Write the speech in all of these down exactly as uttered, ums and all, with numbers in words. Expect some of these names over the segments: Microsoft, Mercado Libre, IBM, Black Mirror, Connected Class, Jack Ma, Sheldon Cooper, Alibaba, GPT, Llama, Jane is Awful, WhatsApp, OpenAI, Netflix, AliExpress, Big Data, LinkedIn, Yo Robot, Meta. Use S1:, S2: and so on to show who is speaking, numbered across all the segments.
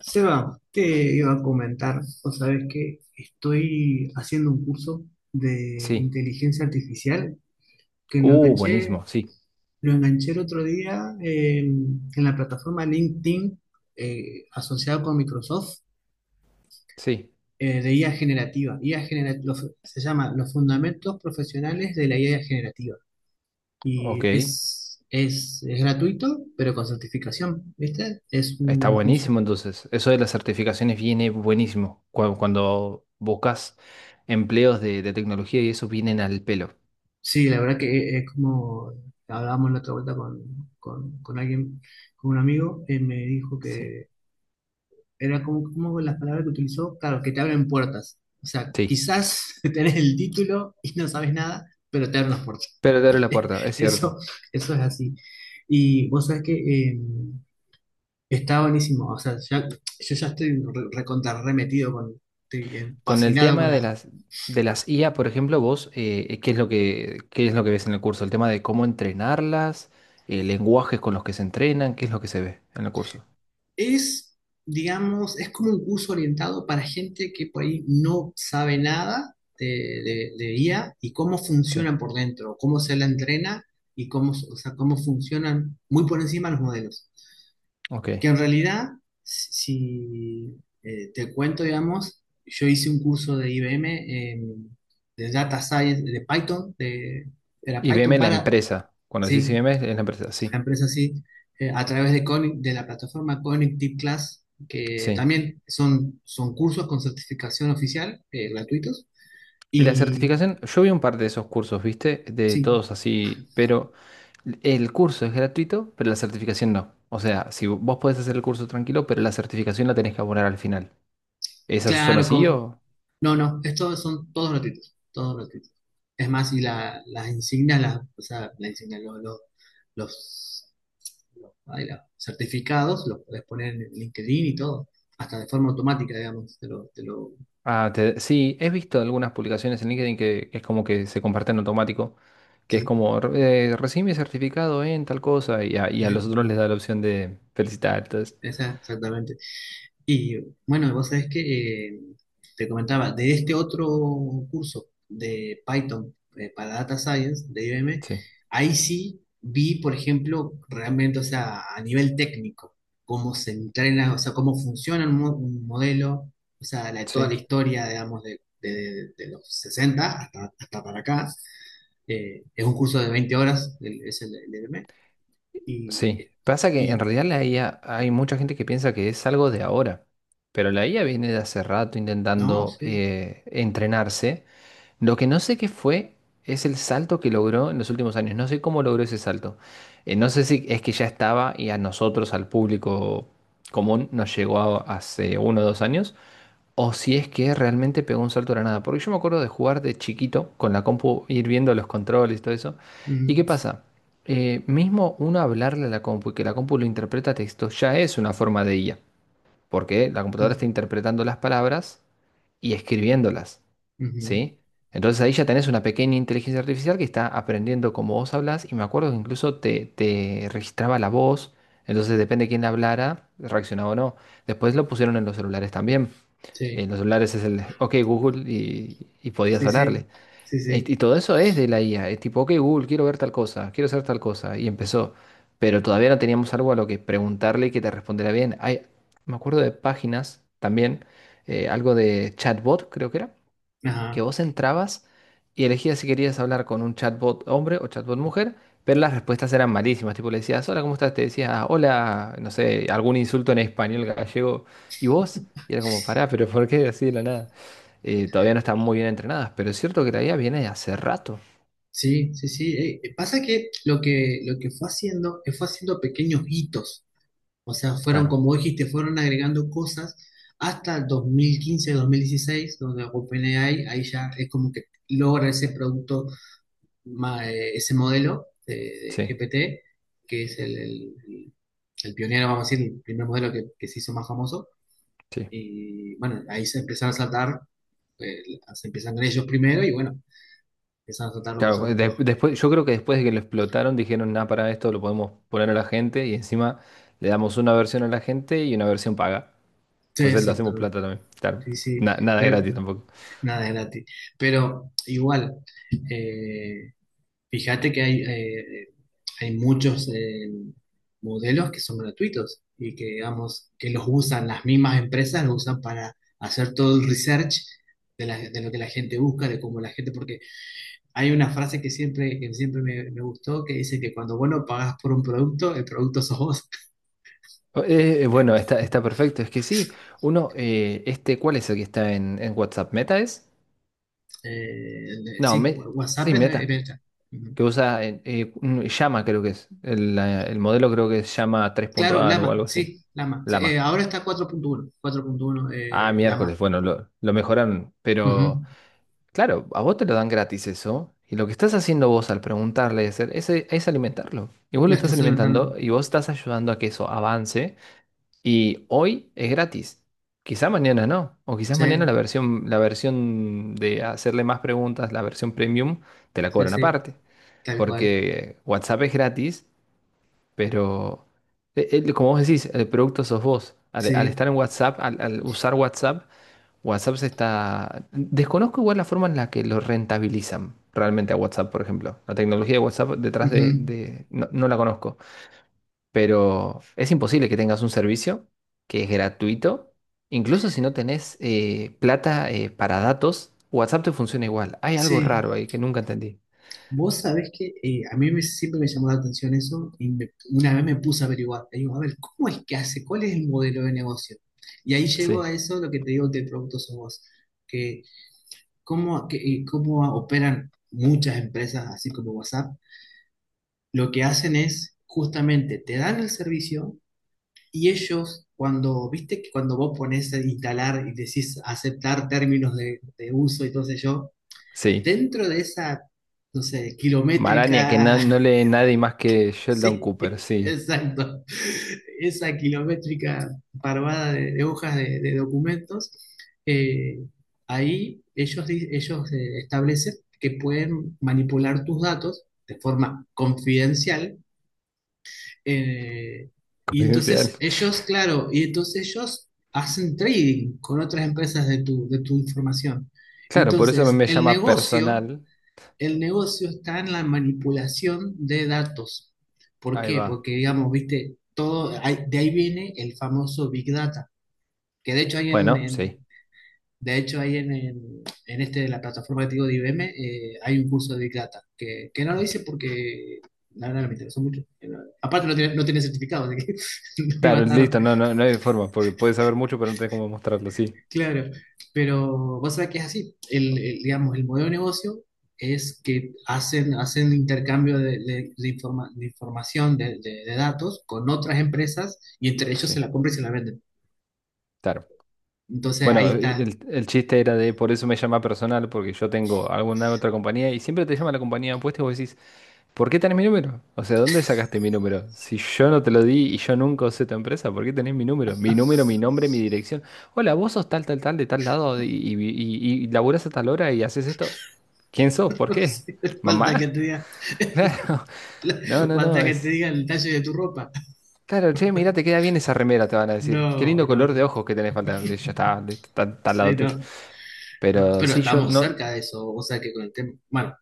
S1: Seba, te iba a comentar, o sabes que estoy haciendo un curso de
S2: Sí.
S1: inteligencia artificial que lo
S2: Uh,
S1: enganché,
S2: buenísimo, sí,
S1: lo enganché el otro día, eh, en la plataforma LinkedIn, eh, asociado con Microsoft,
S2: sí.
S1: eh, de I A generativa. I A, genera- lo- se llama Los Fundamentos Profesionales de la I A Generativa,
S2: Ok,
S1: y es, es, es gratuito, pero con certificación, ¿viste? Es
S2: está
S1: un curso.
S2: buenísimo entonces. Eso de las certificaciones viene buenísimo. Cuando, cuando buscas empleos de, de tecnología y eso vienen al pelo.
S1: Sí, la verdad que es como hablábamos la otra vuelta con, con, con alguien, con un amigo. Eh, me dijo
S2: Sí,
S1: que era como, como las palabras que utilizó, claro, que te abren puertas. O sea,
S2: sí.
S1: quizás tenés el título y no sabes nada, pero te abren las puertas.
S2: Pero te abre la puerta, es
S1: Eso,
S2: cierto.
S1: eso es así. Y vos sabés que, eh, está buenísimo. O sea, ya- yo ya estoy re- recontra remetido con, estoy, eh,
S2: Con el
S1: fascinado.
S2: tema de las, de las I A, por ejemplo, vos, eh, ¿qué es lo que, qué es lo que ves en el curso? El tema de cómo entrenarlas, eh, lenguajes con los que se entrenan, ¿qué es lo que se ve en el curso?
S1: Es, digamos, es como un curso orientado para gente que por ahí no sabe nada de, de- de I A y cómo
S2: Sí,
S1: funcionan por dentro, cómo se la entrena y cómo, o sea, cómo funcionan muy por encima los modelos.
S2: ok.
S1: Que en realidad, si si, eh, te cuento. Digamos, yo hice un curso de I B M, en- de Data Science, de Python, de, era Python
S2: I B M, la
S1: para...
S2: empresa. Cuando decís
S1: Sí,
S2: I B M, es la empresa,
S1: la
S2: sí.
S1: empresa, sí. Eh, a través de, Coni- de la plataforma Connected Class, que
S2: Sí.
S1: también son, son cursos con certificación oficial, eh, gratuitos.
S2: Y la
S1: Y
S2: certificación, yo vi un par de esos cursos, ¿viste? De
S1: sí,
S2: todos así, pero el curso es gratuito, pero la certificación no. O sea, si vo- vos podés hacer el curso tranquilo, pero la certificación la tenés que abonar al final. ¿Esas son
S1: claro,
S2: así
S1: como,
S2: o...?
S1: no, no, estos son todos gratuitos, todos gratuitos. Es más, y la, las insignias, las, o sea, la insignia, lo- lo- los, los, ay, los certificados, los puedes poner en LinkedIn y todo, hasta de forma automática. Digamos, te lo, te lo,
S2: Ah, te- sí, he visto algunas publicaciones en LinkedIn que, que es como que se comparten automático, que es
S1: sí,
S2: como, "Re- eh, recibí mi certificado en tal cosa y a, y a
S1: sí,
S2: los otros les da la opción de felicitar, entonces.
S1: esa, exactamente. Y bueno, vos sabés que, eh, te comentaba de este otro curso de Python, eh, para Data Science de I B M.
S2: Sí,
S1: Ahí sí vi, por ejemplo, realmente, o sea, a nivel técnico, cómo se entrena, o sea, cómo funciona un, mo- un modelo. O sea, la- toda la
S2: sí.
S1: historia, digamos, de, de- de los sesenta hasta, hasta para acá. Eh, es un curso de veinte horas, el- es el, el I B M. y,
S2: Sí, pasa que en
S1: y
S2: realidad la I A, hay mucha gente que piensa que es algo de ahora, pero la I A viene de hace rato
S1: no,
S2: intentando
S1: sí.
S2: eh, entrenarse. Lo que no sé qué fue es el salto que logró en los últimos años. No sé cómo logró ese salto. Eh, no sé si es que ya estaba y a nosotros, al público común, nos llegó a- hace uno o dos años, o si es que realmente pegó un salto de la nada. Porque yo me acuerdo de jugar de chiquito con la compu, ir viendo los controles y todo eso. ¿Y qué
S1: Mm,
S2: pasa? Eh, mismo uno hablarle a la compu y que la compu lo interpreta a texto ya es una forma de I A porque la computadora
S1: mm,
S2: está interpretando las palabras y escribiéndolas,
S1: ujú,
S2: ¿sí? Entonces ahí ya tenés una pequeña inteligencia artificial que está aprendiendo cómo vos hablás y me acuerdo que incluso te, te registraba la voz, entonces depende de quién hablara, reaccionaba o no. Después lo pusieron en los celulares también.
S1: sí.
S2: En los celulares es el, ok Google y, y podías
S1: Sí, sí,
S2: hablarle.
S1: sí,
S2: Y, y
S1: sí.
S2: todo eso es de la I A. Es tipo, ok, Google, quiero ver tal cosa, quiero hacer tal cosa. Y empezó. Pero todavía no teníamos algo a lo que preguntarle y que te respondiera bien. Hay, me acuerdo de páginas también, eh, algo de chatbot, creo que era, que
S1: Ajá.
S2: vos entrabas y elegías si querías hablar con un chatbot hombre o chatbot mujer, pero las respuestas eran malísimas. Tipo, le decías, hola, ¿cómo estás? Te decía, "Ah, hola, no sé, algún insulto en español gallego. ¿Y vos? Y era como, pará, pero ¿por qué así de la nada? Eh, todavía no están muy bien entrenadas, pero es cierto que la I A viene de hace rato.
S1: Sí, sí, sí. Eh, eh, pasa que lo que lo que fue haciendo, que fue haciendo pequeños hitos. O sea, fueron,
S2: Claro,
S1: como dijiste, fueron agregando cosas hasta dos dos mil quince, dos mil dieciséis, donde OpenAI, ahí, ya es como que logra ese producto, ma- eh, ese modelo de, de
S2: sí,
S1: G P T, que es el, el- el el pionero, vamos a decir, el primer modelo que, que se hizo más famoso.
S2: sí.
S1: Y bueno, ahí se empezaron a saltar, eh, se empiezan con ellos primero. Y bueno, empiezan a saltar los
S2: Claro, de-
S1: otros. Los...
S2: después, yo creo que después de que lo explotaron dijeron, nada, para esto lo podemos poner a la gente y encima le damos una versión a la gente y una versión paga.
S1: Sí,
S2: Entonces lo hacemos
S1: exactamente.
S2: plata también. Claro.
S1: Sí, sí.
S2: Na- nada
S1: Pero
S2: gratis tampoco.
S1: nada es gratis. Pero igual, eh, fíjate que hay, eh, hay muchos, eh, modelos que son gratuitos y que, digamos, que los usan las mismas empresas, los usan para hacer todo el research de, la- de lo que la gente busca, de cómo la gente. Porque hay una frase que siempre, que siempre me, me gustó, que dice que cuando vos no pagás por un producto, el producto sos vos.
S2: Oh. Eh, eh, bueno, está, está perfecto. Es que sí, uno, eh, este, ¿cuál es el que está en, en WhatsApp? ¿Meta es?
S1: Eh,
S2: No,
S1: sí,
S2: me-
S1: WhatsApp
S2: sí,
S1: es de
S2: Meta,
S1: venta.
S2: que usa eh, eh, un- Llama, creo que es. El, la- el modelo creo que es Llama
S1: Claro,
S2: tres punto cero o
S1: Lama,
S2: algo así.
S1: sí, Lama. Sí, eh,
S2: Lama.
S1: ahora está cuatro punto uno, cuatro punto uno,
S2: Ah,
S1: eh, Lama.
S2: miércoles, bueno, lo, lo mejoraron.
S1: Ujú.
S2: Pero, claro, a vos te lo dan gratis eso. Y lo que estás haciendo vos al preguntarle es, es, es alimentarlo. Y vos lo
S1: Lo
S2: estás
S1: estás alimentando.
S2: alimentando y vos estás ayudando a que eso avance. Y hoy es gratis. Quizá mañana no. O quizás mañana
S1: Sí,
S2: la versión, la versión de hacerle más preguntas, la versión premium, te la
S1: sí,
S2: cobran
S1: sí,
S2: aparte.
S1: tal cual.
S2: Porque WhatsApp es gratis, pero eh, eh, como vos decís, el producto sos vos. Al, al
S1: Sí,
S2: estar en WhatsApp, al, al usar WhatsApp, WhatsApp se está... Desconozco igual la forma en la que lo rentabilizan realmente a WhatsApp, por ejemplo. La tecnología de WhatsApp detrás de...
S1: ujú.
S2: de- No, no la conozco. Pero es imposible que tengas un servicio que es gratuito. Incluso si no tenés eh, plata eh, para datos, WhatsApp te funciona igual. Hay algo
S1: Sí.
S2: raro ahí que nunca entendí.
S1: Vos sabés que, eh, a mí me- siempre me llamó la atención eso. Y me- una vez me puse a averiguar. Y digo, a ver, ¿cómo es que hace? ¿Cuál es el modelo de negocio? Y ahí llego a
S2: Sí,
S1: eso, lo que te digo, que productos sos vos. Que cómo, que, eh, cómo operan muchas empresas, así como WhatsApp. Lo que hacen es justamente te dan el servicio. Y ellos, cuando, viste que cuando vos pones a instalar y decís aceptar términos de, de uso y todo eso,
S2: sí.
S1: dentro de esa, no sé,
S2: Maraña, que no,
S1: kilométrica...
S2: no lee nadie más que Sheldon
S1: Sí,
S2: Cooper, sí.
S1: exacto, esa kilométrica parvada de, de hojas de, de documentos. eh, Ahí ellos, di- ellos, eh, establecen que pueden manipular tus datos de forma confidencial. eh, y entonces
S2: Confidencial.
S1: ellos, claro, y entonces ellos hacen trading con otras empresas de tu, de tu información.
S2: Claro, por eso me,
S1: Entonces,
S2: me
S1: el
S2: llama
S1: negocio,
S2: personal.
S1: el negocio está en la manipulación de datos. ¿Por
S2: Ahí
S1: qué?
S2: va.
S1: Porque, digamos, viste, todo, hay- de ahí viene el famoso Big Data, que de hecho hay en,
S2: Bueno,
S1: en-
S2: sí.
S1: de hecho, ahí en, el- en este, la plataforma que te digo de I B M. Eh, hay un curso de Big Data, que, que no lo hice porque la verdad no me interesó mucho. Pero aparte no tiene, no tiene certificado, así que no iba a
S2: Claro,
S1: estar.
S2: listo, no, no, no hay forma, porque puedes saber mucho, pero no tenés cómo mostrarlo, sí.
S1: Claro. Pero vos sabés que es así. El, el, digamos, el modelo de negocio es que hacen, hacen intercambio de, de- de informa- de información, de, de- de datos con otras empresas, y entre ellos se
S2: Sí,
S1: la compran y se la venden.
S2: claro.
S1: Entonces ahí
S2: Bueno, eh,
S1: está.
S2: el, el chiste era de por eso me llama personal, porque yo tengo alguna otra compañía y siempre te llama la compañía opuesta y vos decís, ¿por qué tenés mi número? O sea, ¿dónde sacaste mi número? Si yo no te lo di y yo nunca usé tu empresa, ¿por qué tenés mi número? Mi número, mi nombre, mi dirección. Hola, vos sos tal, tal, tal, de tal lado y, y, y, y laburás a tal hora y haces esto. ¿Quién sos? ¿Por qué?
S1: Falta que
S2: ¿Mamá?
S1: te diga,
S2: Claro. No, no,
S1: falta
S2: no,
S1: que te
S2: es...
S1: diga el talle de tu ropa.
S2: Claro, che, mirá, te queda bien esa remera, te van a decir. Qué
S1: No,
S2: lindo
S1: no,
S2: color de
S1: no,
S2: ojos que tenés falta. Ya está, está está al lado
S1: sí,
S2: tuyo.
S1: no, no,
S2: Pero
S1: pero
S2: sí, yo
S1: estamos
S2: no.
S1: cerca de eso. O sea que con el tema, bueno,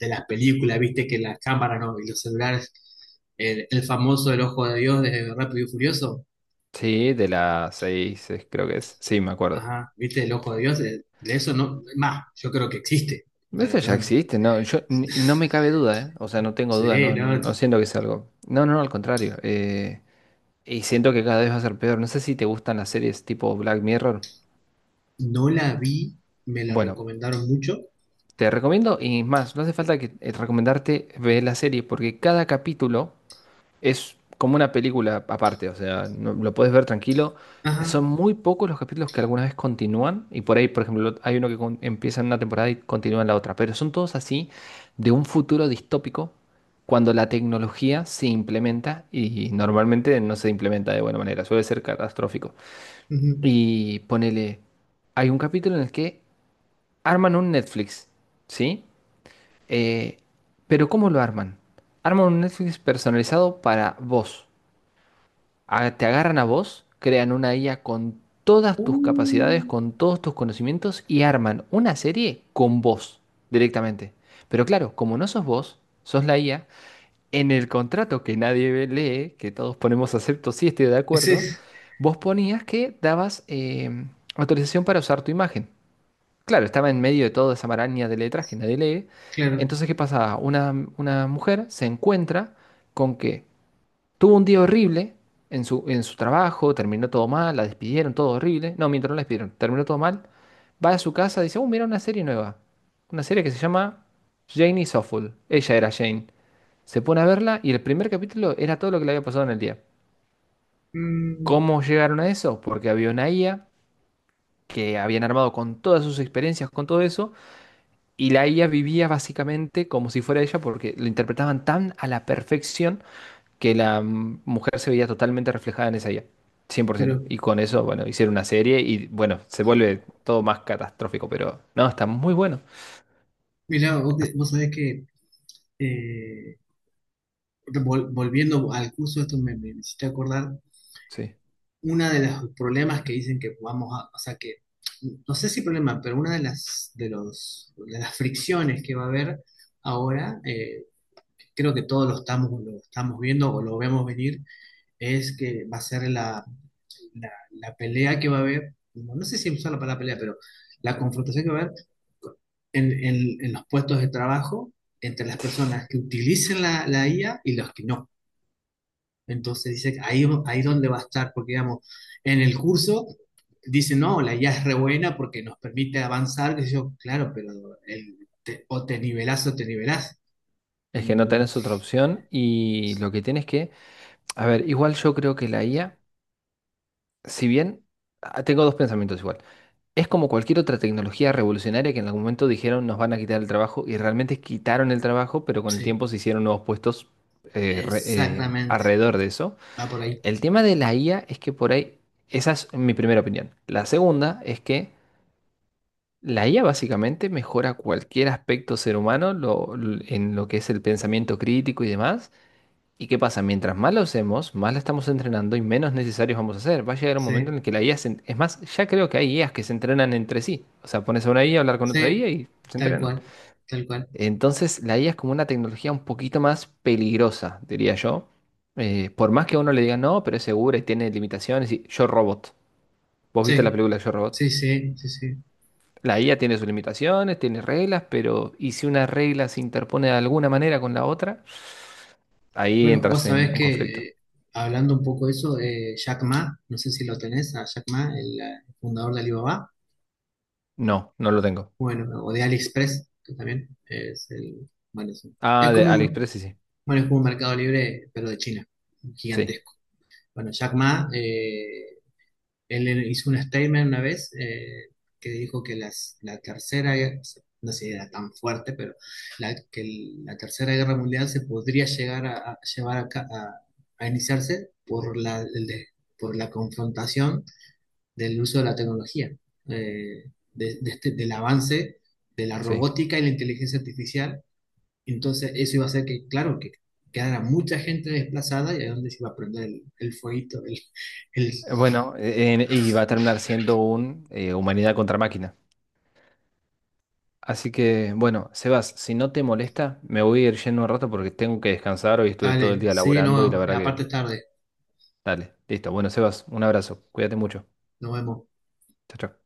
S1: de las películas, viste que las cámaras, ¿no? Y los celulares, el, el famoso El Ojo de Dios de Rápido y Furioso.
S2: Sí, de las seis, eh, creo que es. Sí, me acuerdo.
S1: Ajá, viste, El Ojo de Dios, de, de eso no, más, yo creo que existe. No,
S2: Eso ya
S1: no,
S2: existe, no, yo ni- no me cabe duda, ¿eh? O sea, no tengo duda,
S1: sí,
S2: no,
S1: no,
S2: no siento que es algo. No, no, no, al contrario. eh, y siento que cada vez va a ser peor. No sé si te gustan las series tipo Black Mirror.
S1: no la vi, me la
S2: Bueno,
S1: recomendaron mucho.
S2: te recomiendo y más, no hace falta que eh, recomendarte ver la serie porque cada capítulo es como una película aparte, o sea, no- lo puedes ver tranquilo.
S1: Ajá,
S2: Son muy pocos los capítulos que alguna vez continúan, y por ahí, por ejemplo, hay uno que con- empieza en una temporada y continúa en la otra, pero son todos así de un futuro distópico cuando la tecnología se implementa y normalmente no se implementa de buena manera, suele ser catastrófico.
S1: ujú.
S2: Y ponele, hay un capítulo en el que arman un Netflix, ¿sí? Eh, pero ¿cómo lo arman? Arman un Netflix personalizado para vos a- te agarran a vos, crean una I A con todas tus capacidades, con todos tus conocimientos y arman una serie con vos directamente. Pero claro, como no sos vos, sos la I A, en el contrato que nadie ve- lee, que todos ponemos acepto si estoy de
S1: Sí,
S2: acuerdo, vos ponías que dabas em, autorización para usar tu imagen. Claro, estaba en medio de toda esa maraña de letras que nadie lee.
S1: claro.
S2: Entonces, ¿qué pasaba? Una, una mujer se encuentra con que tuvo un día horrible en su, en su trabajo, terminó todo mal, la despidieron, todo horrible. No, mientras no la despidieron, terminó todo mal. Va a su casa, dice, oh, mira una serie nueva. Una serie que se llama Jane is Awful. Ella era Jane. Se pone a verla y el primer capítulo era todo lo que le había pasado en el día.
S1: Mm.
S2: ¿Cómo llegaron a eso? Porque había una I A que habían armado con todas sus experiencias, con todo eso, y la I A vivía básicamente como si fuera ella porque lo interpretaban tan a la perfección que la m- mujer se veía totalmente reflejada en esa I A, cien por ciento.
S1: Pero,
S2: Y con eso, bueno, hicieron una serie y bueno, se vuelve todo más catastrófico, pero no, está muy bueno.
S1: mira, vos, vos sabés que... eh, vol- volviendo al curso, esto me, me hiciste acordar.
S2: Sí.
S1: Uno de los problemas que dicen que vamos a, o sea que, no sé si problema, pero una de las, de los, de las fricciones que va a haber ahora. Eh, creo que todos lo estamos, lo estamos viendo, o lo vemos venir. Es que va a ser la, la, la pelea que va a haber. No, no sé si usar la palabra pelea, pero la confrontación que va a haber en, en en los puestos de trabajo entre las personas que utilicen la, la I A y los que no. Entonces dice, ahí, ahí donde va a estar, porque digamos, en el curso dice, no, la I A es re buena porque nos permite avanzar, que yo, claro, pero el, o te nivelás o te nivelás.
S2: Es que no
S1: Mm,
S2: tenés otra opción y lo que tienes que... A ver, igual yo creo que la I A, si bien... ah, tengo dos pensamientos igual. Es como cualquier otra tecnología revolucionaria que en algún momento dijeron nos van a quitar el trabajo y realmente quitaron el trabajo, pero con el
S1: sí,
S2: tiempo se hicieron nuevos puestos eh, re- eh,
S1: exactamente,
S2: alrededor de eso.
S1: va por ahí.
S2: El tema de la I A es que por ahí, esa es mi primera opinión. La segunda es que la I A básicamente mejora cualquier aspecto ser humano lo- l- en lo que es el pensamiento crítico y demás. ¿Y qué pasa? Mientras más lo hacemos, más la estamos entrenando y menos necesarios vamos a ser. Va a llegar un momento
S1: Sí,
S2: en el que la I A se... en- Es más, ya creo que hay I As que se entrenan entre sí. O sea, pones a una IA a a hablar con otra
S1: sí,
S2: I A y se
S1: tal
S2: entrenan.
S1: cual, tal cual.
S2: Entonces, la I A es como una tecnología un poquito más peligrosa, diría yo. Eh, por más que a uno le diga no, pero es segura y tiene limitaciones. Y Yo Robot. ¿Vos viste la
S1: Sí,
S2: película de Yo Robot?
S1: sí, sí, sí, sí.
S2: La I A tiene sus limitaciones, tiene reglas, pero ¿y si una regla se interpone de alguna manera con la otra? Ahí
S1: Bueno, vos
S2: entras en
S1: sabés
S2: un
S1: que,
S2: conflicto.
S1: eh, hablando un poco de eso, eh, Jack Ma, no sé si lo tenés, a Jack Ma, el, eh, fundador de Alibaba.
S2: No, no lo tengo.
S1: Bueno, o de AliExpress, que también es el, bueno, es, un- es
S2: Ah, de
S1: como un,
S2: AliExpress sí, sí.
S1: bueno, es como un Mercado Libre, pero de China,
S2: Sí,
S1: gigantesco. Bueno, Jack Ma, eh, él hizo un statement una vez, eh, que dijo que las, la tercera, guerra- no sé si era tan fuerte, pero la, que el- la tercera guerra mundial se podría llegar a, a llevar a, ca- a- a iniciarse por la, el de- por la confrontación del uso de la tecnología. eh, de- de este- Del avance de la
S2: sí.
S1: robótica y la inteligencia artificial. Entonces, eso iba a hacer que, claro, que quedara mucha gente desplazada, y a dónde se iba a prender el, el fueguito, el, el-
S2: Bueno, eh, en- y va a terminar siendo un eh, humanidad contra máquina. Así que, bueno, Sebas, si no te molesta, me voy a ir yendo un rato porque tengo que descansar. Hoy estuve todo el
S1: Dale,
S2: día
S1: sí,
S2: laburando y la
S1: no,
S2: verdad que,
S1: aparte es tarde.
S2: dale, listo. Bueno, Sebas, un abrazo. Cuídate mucho.
S1: Nos vemos.
S2: Chao, chao.